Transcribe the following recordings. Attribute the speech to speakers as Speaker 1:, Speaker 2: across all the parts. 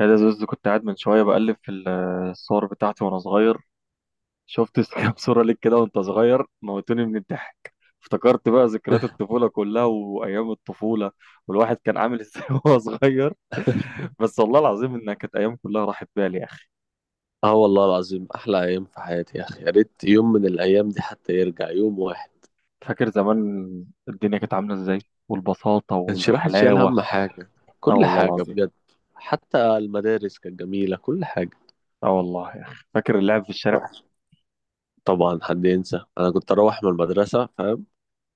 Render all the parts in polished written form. Speaker 1: يا ده زوز، كنت قاعد من شوية بقلب في الصور بتاعتي وأنا صغير. شفت كام صورة ليك كده وأنت صغير، موتوني من الضحك. افتكرت بقى ذكريات الطفولة كلها وأيام الطفولة، والواحد كان عامل إزاي وهو صغير. بس والله العظيم إنها كانت أيام كلها راحت بالي يا أخي.
Speaker 2: اه والله العظيم، احلى ايام في حياتي يا اخي. يا ريت يوم من الايام دي حتى يرجع يوم واحد.
Speaker 1: فاكر زمان الدنيا كانت عاملة إزاي؟ والبساطة
Speaker 2: كانش الواحد شايل
Speaker 1: والحلاوة.
Speaker 2: هم حاجه،
Speaker 1: آه
Speaker 2: كل
Speaker 1: والله
Speaker 2: حاجه
Speaker 1: العظيم.
Speaker 2: بجد. حتى المدارس كانت جميله، كل حاجه.
Speaker 1: آه والله يا أخي، فاكر اللعب في الشارع.
Speaker 2: طبعا حد ينسى، انا كنت اروح من المدرسه فاهم،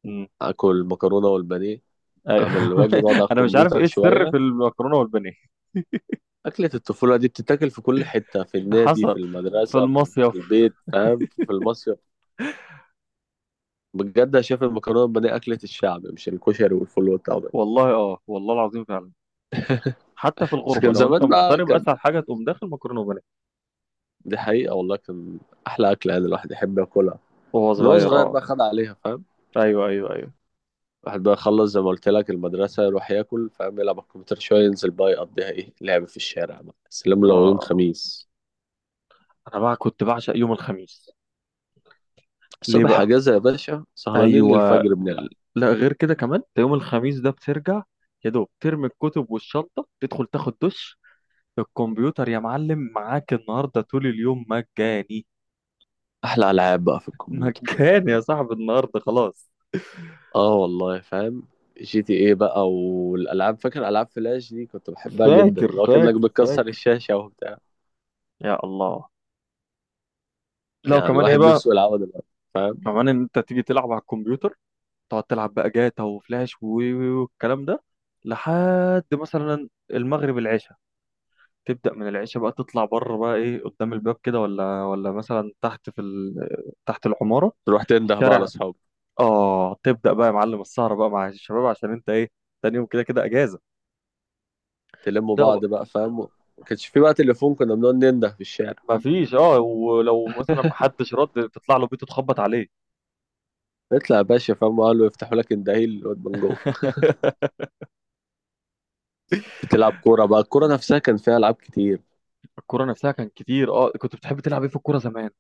Speaker 1: مم.
Speaker 2: اكل مكرونه والبانيه،
Speaker 1: أيوه،
Speaker 2: اعمل الواجب، اقعد على
Speaker 1: أنا مش عارف
Speaker 2: الكمبيوتر
Speaker 1: إيه السر
Speaker 2: شويه.
Speaker 1: في المكرونة والبانيه.
Speaker 2: اكله الطفوله دي بتتاكل في كل حته، في النادي،
Speaker 1: حصل،
Speaker 2: في
Speaker 1: في
Speaker 2: المدرسه، في
Speaker 1: المصيف.
Speaker 2: البيت فاهم، في المصيف. بجد انا شايف المكرونه والبانيه اكله الشعب، مش الكشري والفول والطعميه.
Speaker 1: والله، اه والله العظيم فعلا. حتى في
Speaker 2: بس
Speaker 1: الغربة
Speaker 2: كان
Speaker 1: لو انت
Speaker 2: زمان بقى،
Speaker 1: مغترب، اسهل حاجة تقوم داخل مكرونة وبانيه.
Speaker 2: دي حقيقة والله. كان أحلى أكلة يعني الواحد يحب ياكلها
Speaker 1: وهو
Speaker 2: من هو
Speaker 1: صغير،
Speaker 2: صغير
Speaker 1: اه.
Speaker 2: بقى، خد عليها فاهم.
Speaker 1: ايوه ايوه ايوه.
Speaker 2: الواحد بقى يخلص زي ما قلت لك المدرسة، يروح ياكل فاهم، يلعب على الكمبيوتر شوية، ينزل بقى يقضيها إيه لعب في الشارع بقى. سلام لو يوم
Speaker 1: اه،
Speaker 2: خميس،
Speaker 1: انا بقى كنت بعشق يوم الخميس. ليه
Speaker 2: الصبح
Speaker 1: بقى؟
Speaker 2: أجازة يا باشا، سهرانين
Speaker 1: ايوه.
Speaker 2: للفجر بنلعب.
Speaker 1: لا، غير كده كمان، ده يوم الخميس ده بترجع، يا دوب ترمي الكتب والشنطة، تدخل تاخد دش، الكمبيوتر يا معلم معاك النهاردة طول اليوم مجاني.
Speaker 2: أحلى ألعاب بقى في الكمبيوتر.
Speaker 1: مجاني يا صاحبي النهاردة خلاص.
Speaker 2: آه والله فاهم. جي تي إيه بقى والألعاب، فاكر ألعاب فلاش دي؟ كنت بحبها جدا،
Speaker 1: فاكر
Speaker 2: اللي هو كأنك
Speaker 1: فاكر
Speaker 2: بتكسر
Speaker 1: فاكر.
Speaker 2: الشاشة وبتاع.
Speaker 1: يا الله. لا
Speaker 2: يعني
Speaker 1: كمان ايه
Speaker 2: الواحد
Speaker 1: بقى؟
Speaker 2: نفسه يلعبها دلوقتي فاهم.
Speaker 1: كمان ان انت تيجي تلعب على الكمبيوتر، تقعد تلعب بقى جاتا وفلاش والكلام ده، لحد مثلا المغرب، العشاء. تبدأ من العشاء بقى تطلع بره بقى، ايه، قدام الباب كده، ولا مثلا تحت في تحت العمارة،
Speaker 2: تروح
Speaker 1: في
Speaker 2: تنده بقى على
Speaker 1: الشارع.
Speaker 2: أصحابك،
Speaker 1: اه تبدأ بقى يا معلم السهرة بقى مع الشباب، عشان انت ايه، تاني يوم كده كده اجازة.
Speaker 2: تلموا
Speaker 1: تبدأ بقى.
Speaker 2: بعض بقى فاهم. ما كانش في بقى تليفون، كنا بنقعد ننده في الشارع.
Speaker 1: مفيش، اه، ولو مثلا محدش رد تطلع له بيته تخبط عليه.
Speaker 2: نطلع يا باشا فاهم، قالوا يفتحوا لك الدهيل الواد من جوه. تلعب كوره بقى، الكوره نفسها كان فيها العاب كتير.
Speaker 1: الكورة نفسها كان كتير، اه. كنت بتحب تلعب ايه في الكورة زمان؟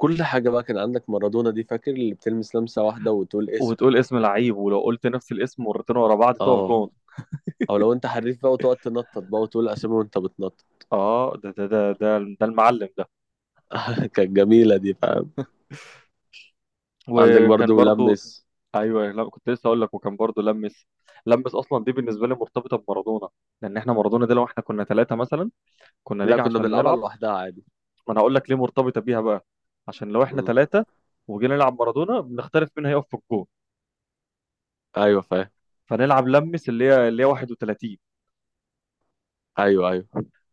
Speaker 2: كل حاجه بقى. كان عندك مارادونا دي، فاكر اللي بتلمس لمسه واحده وتقول اسم؟
Speaker 1: وتقول اسم لعيب، ولو قلت نفس الاسم مرتين ورا بعض تقف
Speaker 2: اه.
Speaker 1: جون.
Speaker 2: او لو انت حريف بقى، وتقعد تنطط بقى وتقول اسامي وانت بتنطط.
Speaker 1: اه، ده ده ده ده، ده المعلم ده.
Speaker 2: كانت جميله دي فاهم. عندك
Speaker 1: وكان
Speaker 2: برضو
Speaker 1: برضو.
Speaker 2: لمس.
Speaker 1: ايوه، لا كنت لسه اقول لك، وكان برضو لمس. لمس اصلا دي بالنسبه لي مرتبطه بمارادونا. لان احنا مارادونا ده لو احنا كنا ثلاثه مثلا، كنا
Speaker 2: لا
Speaker 1: نيجي
Speaker 2: كنا
Speaker 1: عشان
Speaker 2: بنلعبها
Speaker 1: نلعب.
Speaker 2: لوحدها عادي.
Speaker 1: ما انا هقول لك ليه مرتبطه بيها بقى. عشان لو احنا
Speaker 2: مم.
Speaker 1: ثلاثه وجينا نلعب مارادونا، بنختلف مين هيقف في الجون.
Speaker 2: ايوه فاهم.
Speaker 1: فنلعب لمس، اللي هي 31.
Speaker 2: ايوه ايوه.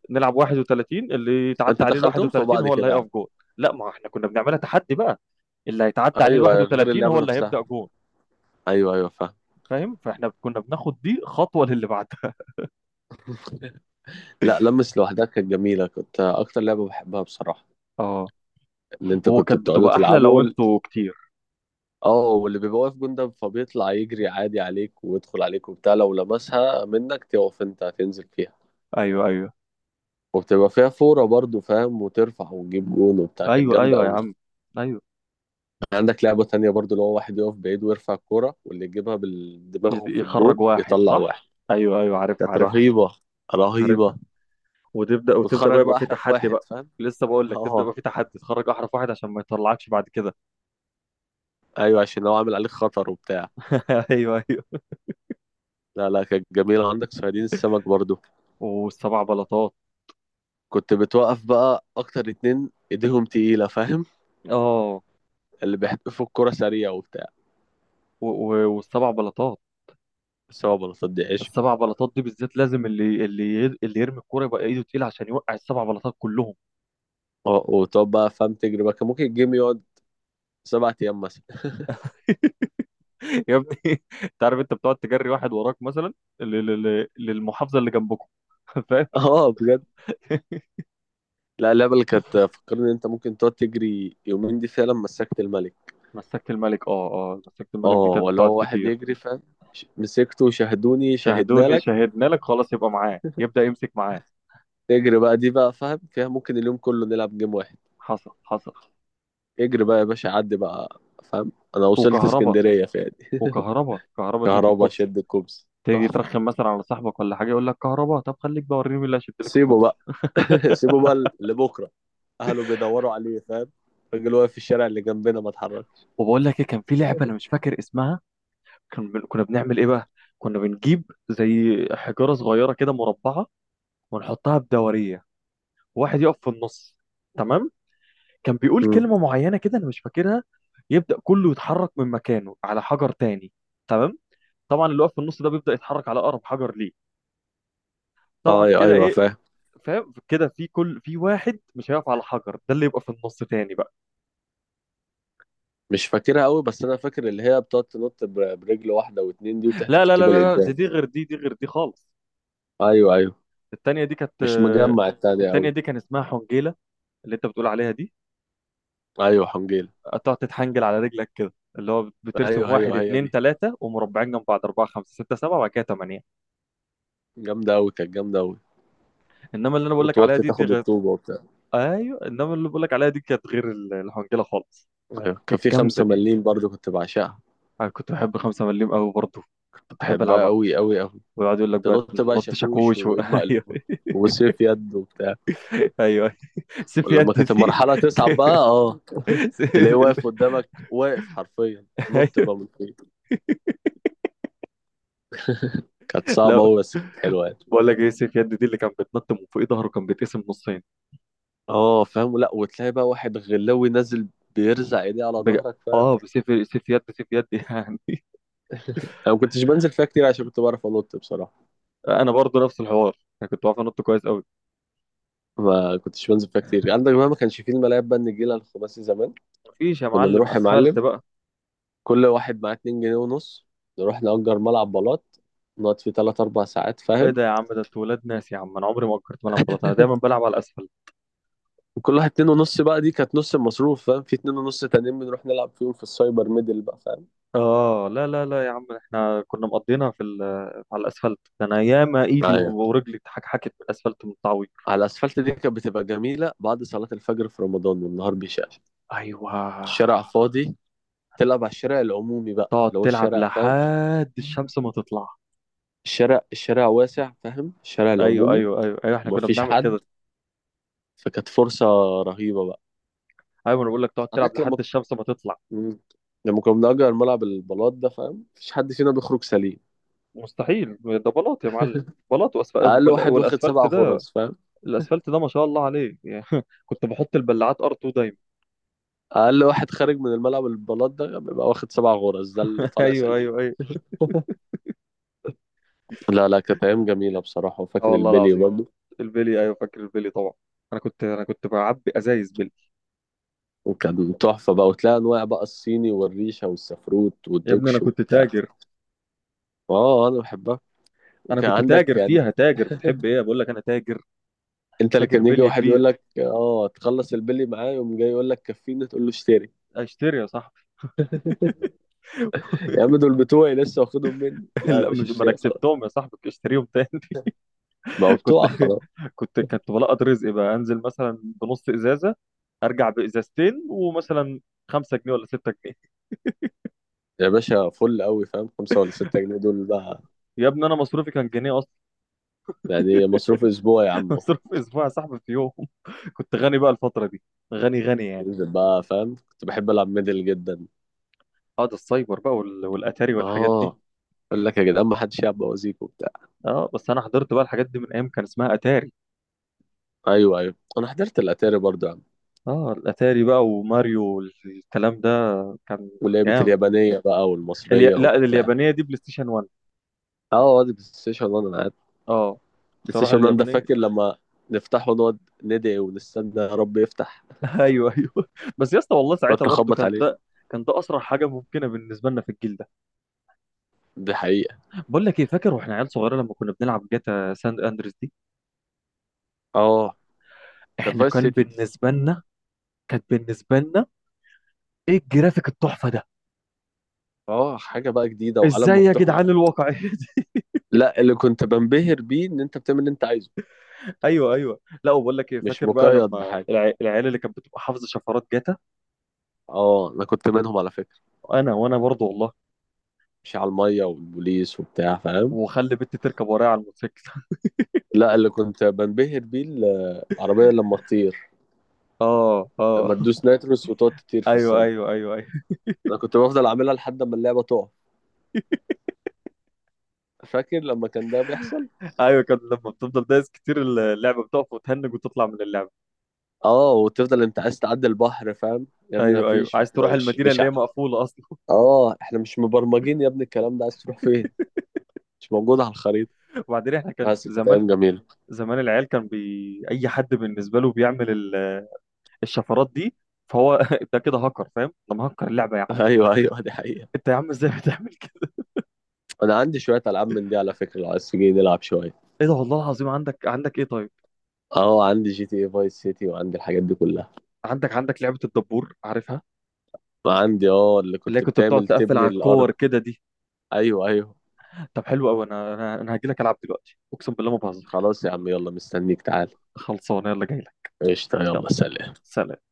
Speaker 1: نلعب 31، اللي يتعدى
Speaker 2: انت
Speaker 1: عليه ال
Speaker 2: دخلتهم في
Speaker 1: 31
Speaker 2: بعض
Speaker 1: هو اللي
Speaker 2: كده
Speaker 1: هيقف
Speaker 2: يعني؟
Speaker 1: جون. لا، ما احنا كنا بنعملها تحدي بقى. اللي هيتعدى عليه ال
Speaker 2: ايوه غير
Speaker 1: 31
Speaker 2: اللعبه
Speaker 1: هو اللي هيبدأ
Speaker 2: نفسها.
Speaker 1: جون.
Speaker 2: ايوه ايوه فاهم.
Speaker 1: فاهم؟ فاحنا كنا بناخد دي خطوه للي بعدها.
Speaker 2: لا، لمس لوحدها كانت جميلة، كنت أكتر لعبة بحبها بصراحة.
Speaker 1: اه.
Speaker 2: إن أنت
Speaker 1: هو
Speaker 2: كنت
Speaker 1: كانت
Speaker 2: بتقعدوا
Speaker 1: بتبقى احلى
Speaker 2: تلعبوا
Speaker 1: لو انتوا كتير.
Speaker 2: اه، واللي بيبقى واقف جندب فبيطلع يجري عادي عليك ويدخل عليك وبتاع، لو لمسها منك تقف أنت هتنزل فيها.
Speaker 1: ايوه ايوه
Speaker 2: وبتبقى فيها فورة برضو فاهم، وترفع وتجيب جون وبتاع. كانت
Speaker 1: ايوه
Speaker 2: جامدة
Speaker 1: ايوه يا
Speaker 2: أوي.
Speaker 1: عم، ايوه.
Speaker 2: عندك لعبة تانية برضو، اللي هو واحد يقف بعيد ويرفع الكورة، واللي يجيبها بالدماغ في
Speaker 1: يخرج
Speaker 2: الجون
Speaker 1: واحد،
Speaker 2: يطلع
Speaker 1: صح.
Speaker 2: واحد.
Speaker 1: ايوه ايوه، عارفها
Speaker 2: كانت
Speaker 1: عارفها.
Speaker 2: رهيبة، رهيبة.
Speaker 1: عارفها. وتبدا، وتبدا
Speaker 2: وتخرج
Speaker 1: بقى يبقى
Speaker 2: بقى
Speaker 1: في
Speaker 2: أحرف
Speaker 1: تحدي
Speaker 2: واحد
Speaker 1: بقى.
Speaker 2: فاهم.
Speaker 1: لسه بقول لك، تبدا
Speaker 2: اه.
Speaker 1: يبقى في تحدي، تخرج احرف واحد عشان ما يطلعكش بعد كده.
Speaker 2: أيوة عشان لو عامل عليك خطر وبتاع.
Speaker 1: ايوه ايوه.
Speaker 2: لا لا، كانت جميلة. عندك صيادين السمك برضو،
Speaker 1: والسبع بلاطات.
Speaker 2: كنت بتوقف بقى أكتر اتنين إيديهم تقيلة فاهم،
Speaker 1: اه،
Speaker 2: اللي بيحدفوا الكرة سريع وبتاع.
Speaker 1: والسبع بلاطات.
Speaker 2: بس هو ما بصدقش.
Speaker 1: السبع بلاطات دي بالذات لازم اللي يرمي الكوره يبقى ايده تقيله عشان يوقع السبع بلاطات كلهم.
Speaker 2: وتقعد بقى فاهم تجري بقى، كان ممكن الجيم يقعد 7 أيام مثلا.
Speaker 1: يا ابني، انت عارف، انت بتقعد تجري واحد وراك مثلا للمحافظه اللي جنبكم. فاهم.
Speaker 2: اه بجد. لا، اللعبة اللي كانت فكرني إن أنت ممكن تقعد تجري يومين دي فعلا مسكت الملك.
Speaker 1: مسكت الملك، اه اه، مسكت الملك
Speaker 2: اه،
Speaker 1: دي كانت
Speaker 2: ولا
Speaker 1: بتقعد
Speaker 2: هو واحد
Speaker 1: كتير.
Speaker 2: يجري فاهم. مسكته، شاهدوني، شاهدنا
Speaker 1: شاهدوني
Speaker 2: لك.
Speaker 1: شاهدنا لك، خلاص يبقى معاه، يبدا يمسك معاه.
Speaker 2: تجري بقى دي بقى فاهم، فيها ممكن اليوم كله نلعب جيم واحد.
Speaker 1: حصل حصل.
Speaker 2: اجري بقى يا باشا، عدي بقى فاهم. أنا وصلت
Speaker 1: وكهربا.
Speaker 2: اسكندرية فيها دي.
Speaker 1: وكهربا، كهربا شد
Speaker 2: كهربا
Speaker 1: الكوبس.
Speaker 2: شد الكوبس.
Speaker 1: تيجي
Speaker 2: تحفة.
Speaker 1: ترخم مثلا على صاحبك ولا حاجه، يقول لك كهربا، طب خليك بقى، وريني مين اللي هيشد لك
Speaker 2: سيبه
Speaker 1: الكوبس.
Speaker 2: بقى. سيبه بقى لبكرة، أهله بيدوروا عليه فاهم. الراجل واقف في الشارع اللي جنبنا، ما اتحركش.
Speaker 1: وبقول لك ايه، كان في لعبه انا مش فاكر اسمها. كنا بنعمل ايه بقى، كنا بنجيب زي حجاره صغيره كده مربعه، ونحطها بدوريه، وواحد يقف في النص، تمام؟ كان بيقول
Speaker 2: امم
Speaker 1: كلمة معينة كده أنا مش فاكرها، يبدأ كله يتحرك من مكانه على حجر تاني، تمام؟ طبعا اللي واقف في النص ده بيبدأ يتحرك على أقرب حجر ليه، طبعا
Speaker 2: أيوة.
Speaker 1: كده
Speaker 2: أيوه
Speaker 1: إيه.
Speaker 2: فاهم.
Speaker 1: فاهم كده؟ في واحد مش هيقف على حجر، ده اللي يبقى في النص تاني بقى.
Speaker 2: مش فاكرها قوي، بس أنا فاكر اللي هي بتقعد تنط برجل واحدة واتنين دي،
Speaker 1: لا
Speaker 2: وتحدف
Speaker 1: لا لا
Speaker 2: الطوبة
Speaker 1: لا لا، دي
Speaker 2: لقدام.
Speaker 1: دي غير دي دي غير دي خالص.
Speaker 2: أيوه أيوه.
Speaker 1: التانية دي كانت،
Speaker 2: مش
Speaker 1: آه،
Speaker 2: مجمع التانية
Speaker 1: التانية
Speaker 2: أوي.
Speaker 1: دي كان اسمها حنجيلة، اللي أنت بتقول عليها دي.
Speaker 2: أيوه حنجيلة.
Speaker 1: تقعد تتحنجل على رجلك كده، اللي هو بترسم
Speaker 2: أيوه
Speaker 1: واحد
Speaker 2: أيوه هي
Speaker 1: اتنين
Speaker 2: دي،
Speaker 1: تلاتة، ومربعين جنب بعض أربعة خمسة ستة سبعة، وبعد كده تمانية.
Speaker 2: جامدة أوي، كانت جامدة أوي.
Speaker 1: انما اللي انا بقول لك عليها
Speaker 2: وتوطي
Speaker 1: دي، دي
Speaker 2: تاخد
Speaker 1: غير.
Speaker 2: الطوبة وبتاع.
Speaker 1: ايوه، انما اللي بقول لك عليها دي كانت غير الحنجله خالص.
Speaker 2: أيوه كان
Speaker 1: كانت
Speaker 2: في
Speaker 1: جامده
Speaker 2: خمسة
Speaker 1: دي.
Speaker 2: مليم برضو، كنت بعشقها.
Speaker 1: انا كنت بحب خمسة مليم قوي برضه، كنت بحب
Speaker 2: بحبها
Speaker 1: العبها.
Speaker 2: أوي أوي أوي.
Speaker 1: ويقعد يقول لك بقى
Speaker 2: تنط بقى
Speaker 1: ننط
Speaker 2: شاكوش
Speaker 1: شاكوش
Speaker 2: وايد
Speaker 1: ايوه
Speaker 2: مقلوبه وسيف يد وبتاع.
Speaker 1: ايوه، سيف يد
Speaker 2: ولما كانت
Speaker 1: دي.
Speaker 2: المرحله تصعب
Speaker 1: ك-
Speaker 2: بقى، اه،
Speaker 1: س-
Speaker 2: تلاقيه
Speaker 1: ال-
Speaker 2: واقف قدامك واقف حرفيا، نط
Speaker 1: ايوه.
Speaker 2: بقى من فوق. كانت صعبه
Speaker 1: لا،
Speaker 2: قوي بس كانت حلوه يعني.
Speaker 1: بقول لك ايه، سيف يد دي اللي كان بيتنط من فوق ظهره كان بيتقسم نصين.
Speaker 2: اه فاهم. لا، وتلاقي بقى واحد غلاوي نازل بيرزع ايديه على
Speaker 1: بج...
Speaker 2: ظهرك فاهم.
Speaker 1: اه، بسيف، سيف يد يعني.
Speaker 2: انا ما كنتش بنزل فيها كتير عشان كنت بعرف انط بصراحه.
Speaker 1: انا برضه نفس الحوار، انا كنت بعرف انط كويس قوي.
Speaker 2: ما كنتش بنزل فيها كتير. عندك بقى ما كانش فيه الملاعب بقى، النجيله الخماسي زمان.
Speaker 1: مفيش يا
Speaker 2: كنا
Speaker 1: معلم
Speaker 2: نروح يا
Speaker 1: اسفلت
Speaker 2: معلم،
Speaker 1: بقى.
Speaker 2: كل واحد معاه 2 جنيه ونص، نروح نأجر ملعب بلاط، نقعد فيه 3 4 ساعات
Speaker 1: ايه
Speaker 2: فاهم.
Speaker 1: ده يا عم، ده انتوا ولاد ناس يا عم، انا عمري ما فكرت بلعب بلاطه، انا دايما بلعب على الاسفل.
Speaker 2: وكل واحد اتنين ونص بقى دي كانت نص المصروف فاهم، في اتنين ونص تانيين بنروح نلعب فيهم في السايبر ميدل بقى فاهم.
Speaker 1: اه. لا لا لا يا عم، احنا كنا مقضينا في على الاسفلت ده. انا ياما ايدي
Speaker 2: ايوه.
Speaker 1: ورجلي اتحكحكت من الاسفلت من التعويض.
Speaker 2: على الاسفلت دي كانت بتبقى جميله بعد صلاه الفجر في رمضان والنهار بيشقشق،
Speaker 1: ايوه.
Speaker 2: الشارع فاضي، تلعب على الشارع العمومي بقى،
Speaker 1: تقعد
Speaker 2: اللي هو
Speaker 1: تلعب
Speaker 2: الشارع فاهم،
Speaker 1: لحد الشمس ما تطلع.
Speaker 2: الشارع، الشارع واسع فاهم، الشارع
Speaker 1: ايوه
Speaker 2: العمومي،
Speaker 1: ايوه ايوه ايوه، احنا كنا
Speaker 2: ومفيش
Speaker 1: بنعمل
Speaker 2: حد،
Speaker 1: كده.
Speaker 2: فكانت فرصة رهيبة بقى.
Speaker 1: ايوه، انا بقول لك تقعد تلعب
Speaker 2: عندك لما
Speaker 1: لحد الشمس ما تطلع.
Speaker 2: مم. لما كنا بنأجر ملعب البلاط ده فاهم، مفيش حد فينا بيخرج سليم.
Speaker 1: مستحيل، ده بلاط يا معلم. بلاط
Speaker 2: أقل واحد واخد سبع
Speaker 1: والاسفلت ده،
Speaker 2: غرز فاهم.
Speaker 1: الاسفلت ده ما شاء الله عليه يعني. كنت بحط البلاعات ار 2 دايما.
Speaker 2: اقل واحد خارج من الملعب البلاط ده بيبقى واخد 7 غرز، ده اللي طالع
Speaker 1: ايوه
Speaker 2: سليم.
Speaker 1: ايوه ايوه.
Speaker 2: لا لا، كانت ايام جميله بصراحه.
Speaker 1: اه
Speaker 2: وفاكر
Speaker 1: والله
Speaker 2: البلي
Speaker 1: العظيم.
Speaker 2: برضه؟
Speaker 1: البيلي، ايوه فاكر البيلي طبعا. انا كنت بعبي ازايز بيلي.
Speaker 2: وكان تحفه بقى، وتلاقي انواع بقى، الصيني والريشه والسفروت
Speaker 1: يا ابني انا
Speaker 2: والدوكش
Speaker 1: كنت
Speaker 2: وبتاع.
Speaker 1: تاجر.
Speaker 2: اه انا بحبها.
Speaker 1: انا
Speaker 2: وكان
Speaker 1: كنت
Speaker 2: عندك
Speaker 1: تاجر
Speaker 2: يعني.
Speaker 1: فيها، تاجر. بتحب ايه، بقول لك انا تاجر.
Speaker 2: انت اللي
Speaker 1: تاجر
Speaker 2: كان يجي
Speaker 1: بلي
Speaker 2: واحد
Speaker 1: كبير.
Speaker 2: يقول لك اه تخلص البلي معاه، يقوم جاي يقول لك كفيني، تقول له اشتري.
Speaker 1: اشتري يا صاحبي.
Speaker 2: يا عم دول بتوعي، لسه واخدهم مني، لا يا
Speaker 1: لا
Speaker 2: باشا
Speaker 1: مش، ما انا
Speaker 2: اشتري خلاص،
Speaker 1: كسبتهم يا صاحبي، كنت اشتريهم تاني.
Speaker 2: بقوا
Speaker 1: كنت،
Speaker 2: بتوعك خلاص.
Speaker 1: كنت بلقط رزقي بقى، انزل مثلا بنص ازازه، ارجع بازازتين ومثلا 5 جنيه ولا 6 جنيه.
Speaker 2: يا باشا، فل قوي فاهم، 5 ولا 6 جنيه دول بقى،
Speaker 1: يا ابني انا مصروفي كان جنيه اصلا.
Speaker 2: يعني مصروف اسبوع يا عم.
Speaker 1: مصروف اسبوع يا صاحبي في يوم. كنت غني بقى الفتره دي، غني غني يعني.
Speaker 2: ننزل بقى فاهم، كنت بحب العب ميدل جدا.
Speaker 1: اه، ده السايبر بقى والاتاري والحاجات دي.
Speaker 2: اه. اقول لك يا جدعان ما حدش يلعب بوازيك وبتاع.
Speaker 1: اه بس انا حضرت بقى الحاجات دي من ايام كان اسمها اتاري.
Speaker 2: ايوه ايوه. انا حضرت الاتاري برضه يا عم.
Speaker 1: اه الاتاري بقى وماريو والكلام ده، كان
Speaker 2: ولعبة
Speaker 1: جامد.
Speaker 2: اليابانيه بقى والمصريه
Speaker 1: لا،
Speaker 2: وبتاع.
Speaker 1: اليابانيه دي بلاي ستيشن 1.
Speaker 2: اه، واد بلاي ستيشن 1 انا قاعد.
Speaker 1: اه
Speaker 2: بلاي
Speaker 1: تروح
Speaker 2: ستيشن 1 ده
Speaker 1: اليابانيه.
Speaker 2: فاكر لما نفتحه ونقعد ندعي ونستنى يا رب يفتح،
Speaker 1: ايوه ايوه. بس يا اسطى والله ساعتها
Speaker 2: نقعد
Speaker 1: برضو
Speaker 2: نخبط
Speaker 1: كان
Speaker 2: عليه.
Speaker 1: ده، كان ده اسرع حاجه ممكنه بالنسبه لنا في الجيل ده.
Speaker 2: دي حقيقه.
Speaker 1: بقول لك ايه، فاكر واحنا عيال صغيره لما كنا بنلعب جاتا ساند اندريس دي؟
Speaker 2: اه، كانت
Speaker 1: احنا
Speaker 2: فايس
Speaker 1: كان
Speaker 2: سيتي.
Speaker 1: بالنسبه لنا، كانت بالنسبه لنا، ايه الجرافيك التحفه ده.
Speaker 2: اه، حاجه بقى جديده وعالم
Speaker 1: ازاي يا
Speaker 2: مفتوح.
Speaker 1: جدعان الواقعيه دي.
Speaker 2: لا، اللي كنت بنبهر بيه ان انت بتعمل اللي انت عايزه،
Speaker 1: ايوه ايوه. لا، وبقول لك ايه،
Speaker 2: مش
Speaker 1: فاكر بقى
Speaker 2: مقيد
Speaker 1: لما
Speaker 2: بحاجه.
Speaker 1: العيال اللي كانت بتبقى حافظه شفرات جاتا،
Speaker 2: اه انا كنت منهم على فكره،
Speaker 1: انا وانا برضه والله،
Speaker 2: مش على المية والبوليس وبتاع فاهم.
Speaker 1: وخلي بنتي تركب ورايا على الموتوسيكل.
Speaker 2: لا، اللي كنت بنبهر بيه العربية لما تطير،
Speaker 1: اه اه.
Speaker 2: لما تدوس نيتروس وتقعد تطير في
Speaker 1: ايوه
Speaker 2: السماء.
Speaker 1: ايوه ايوه ايوه.
Speaker 2: انا كنت بفضل اعملها لحد ما اللعبة تقع. فاكر لما كان ده بيحصل؟
Speaker 1: ايوه كان لما بتفضل دايس كتير، اللعبه بتقف وتهنج وتطلع من اللعبه.
Speaker 2: اه، وتفضل انت عايز تعدي البحر فاهم، يا ابني ما
Speaker 1: ايوه ايوه،
Speaker 2: فيش،
Speaker 1: عايز
Speaker 2: احنا
Speaker 1: تروح
Speaker 2: مش
Speaker 1: المدينه
Speaker 2: مش
Speaker 1: اللي هي
Speaker 2: ع-
Speaker 1: مقفوله اصلا.
Speaker 2: اه احنا مش مبرمجين يا ابني الكلام ده، عايز تروح فين؟ مش موجود على الخريطة.
Speaker 1: وبعدين احنا كان
Speaker 2: بس كانت
Speaker 1: زمان،
Speaker 2: ايام جميلة.
Speaker 1: زمان العيال كان اي حد بالنسبه له بيعمل الشفرات دي، فهو ده كده هاكر، فاهم، ده مهكر اللعبه يا عم.
Speaker 2: ايوه ايوه، دي حقيقة.
Speaker 1: انت يا عم ازاي بتعمل كده.
Speaker 2: انا عندي شوية العاب من دي على فكرة، لو عايز تيجي نلعب شوية.
Speaker 1: ايه ده والله العظيم، عندك ايه طيب؟
Speaker 2: اه عندي جي تي اي فايس سيتي، وعندي الحاجات دي كلها.
Speaker 1: عندك لعبه الدبور، عارفها؟
Speaker 2: عندي اه، اللي
Speaker 1: اللي هي
Speaker 2: كنت
Speaker 1: كنت بتقعد
Speaker 2: بتعمل
Speaker 1: تقفل
Speaker 2: تبني
Speaker 1: على
Speaker 2: الارض.
Speaker 1: الكور كده دي.
Speaker 2: ايوه ايوه.
Speaker 1: طب حلو قوي، انا هاجي لك العب دلوقتي، اقسم بالله ما بهزر.
Speaker 2: خلاص يا عم، يلا مستنيك، تعال.
Speaker 1: خلصانه، يلا جاي لك.
Speaker 2: قشطة،
Speaker 1: يلا،
Speaker 2: يلا سلام.
Speaker 1: سلام.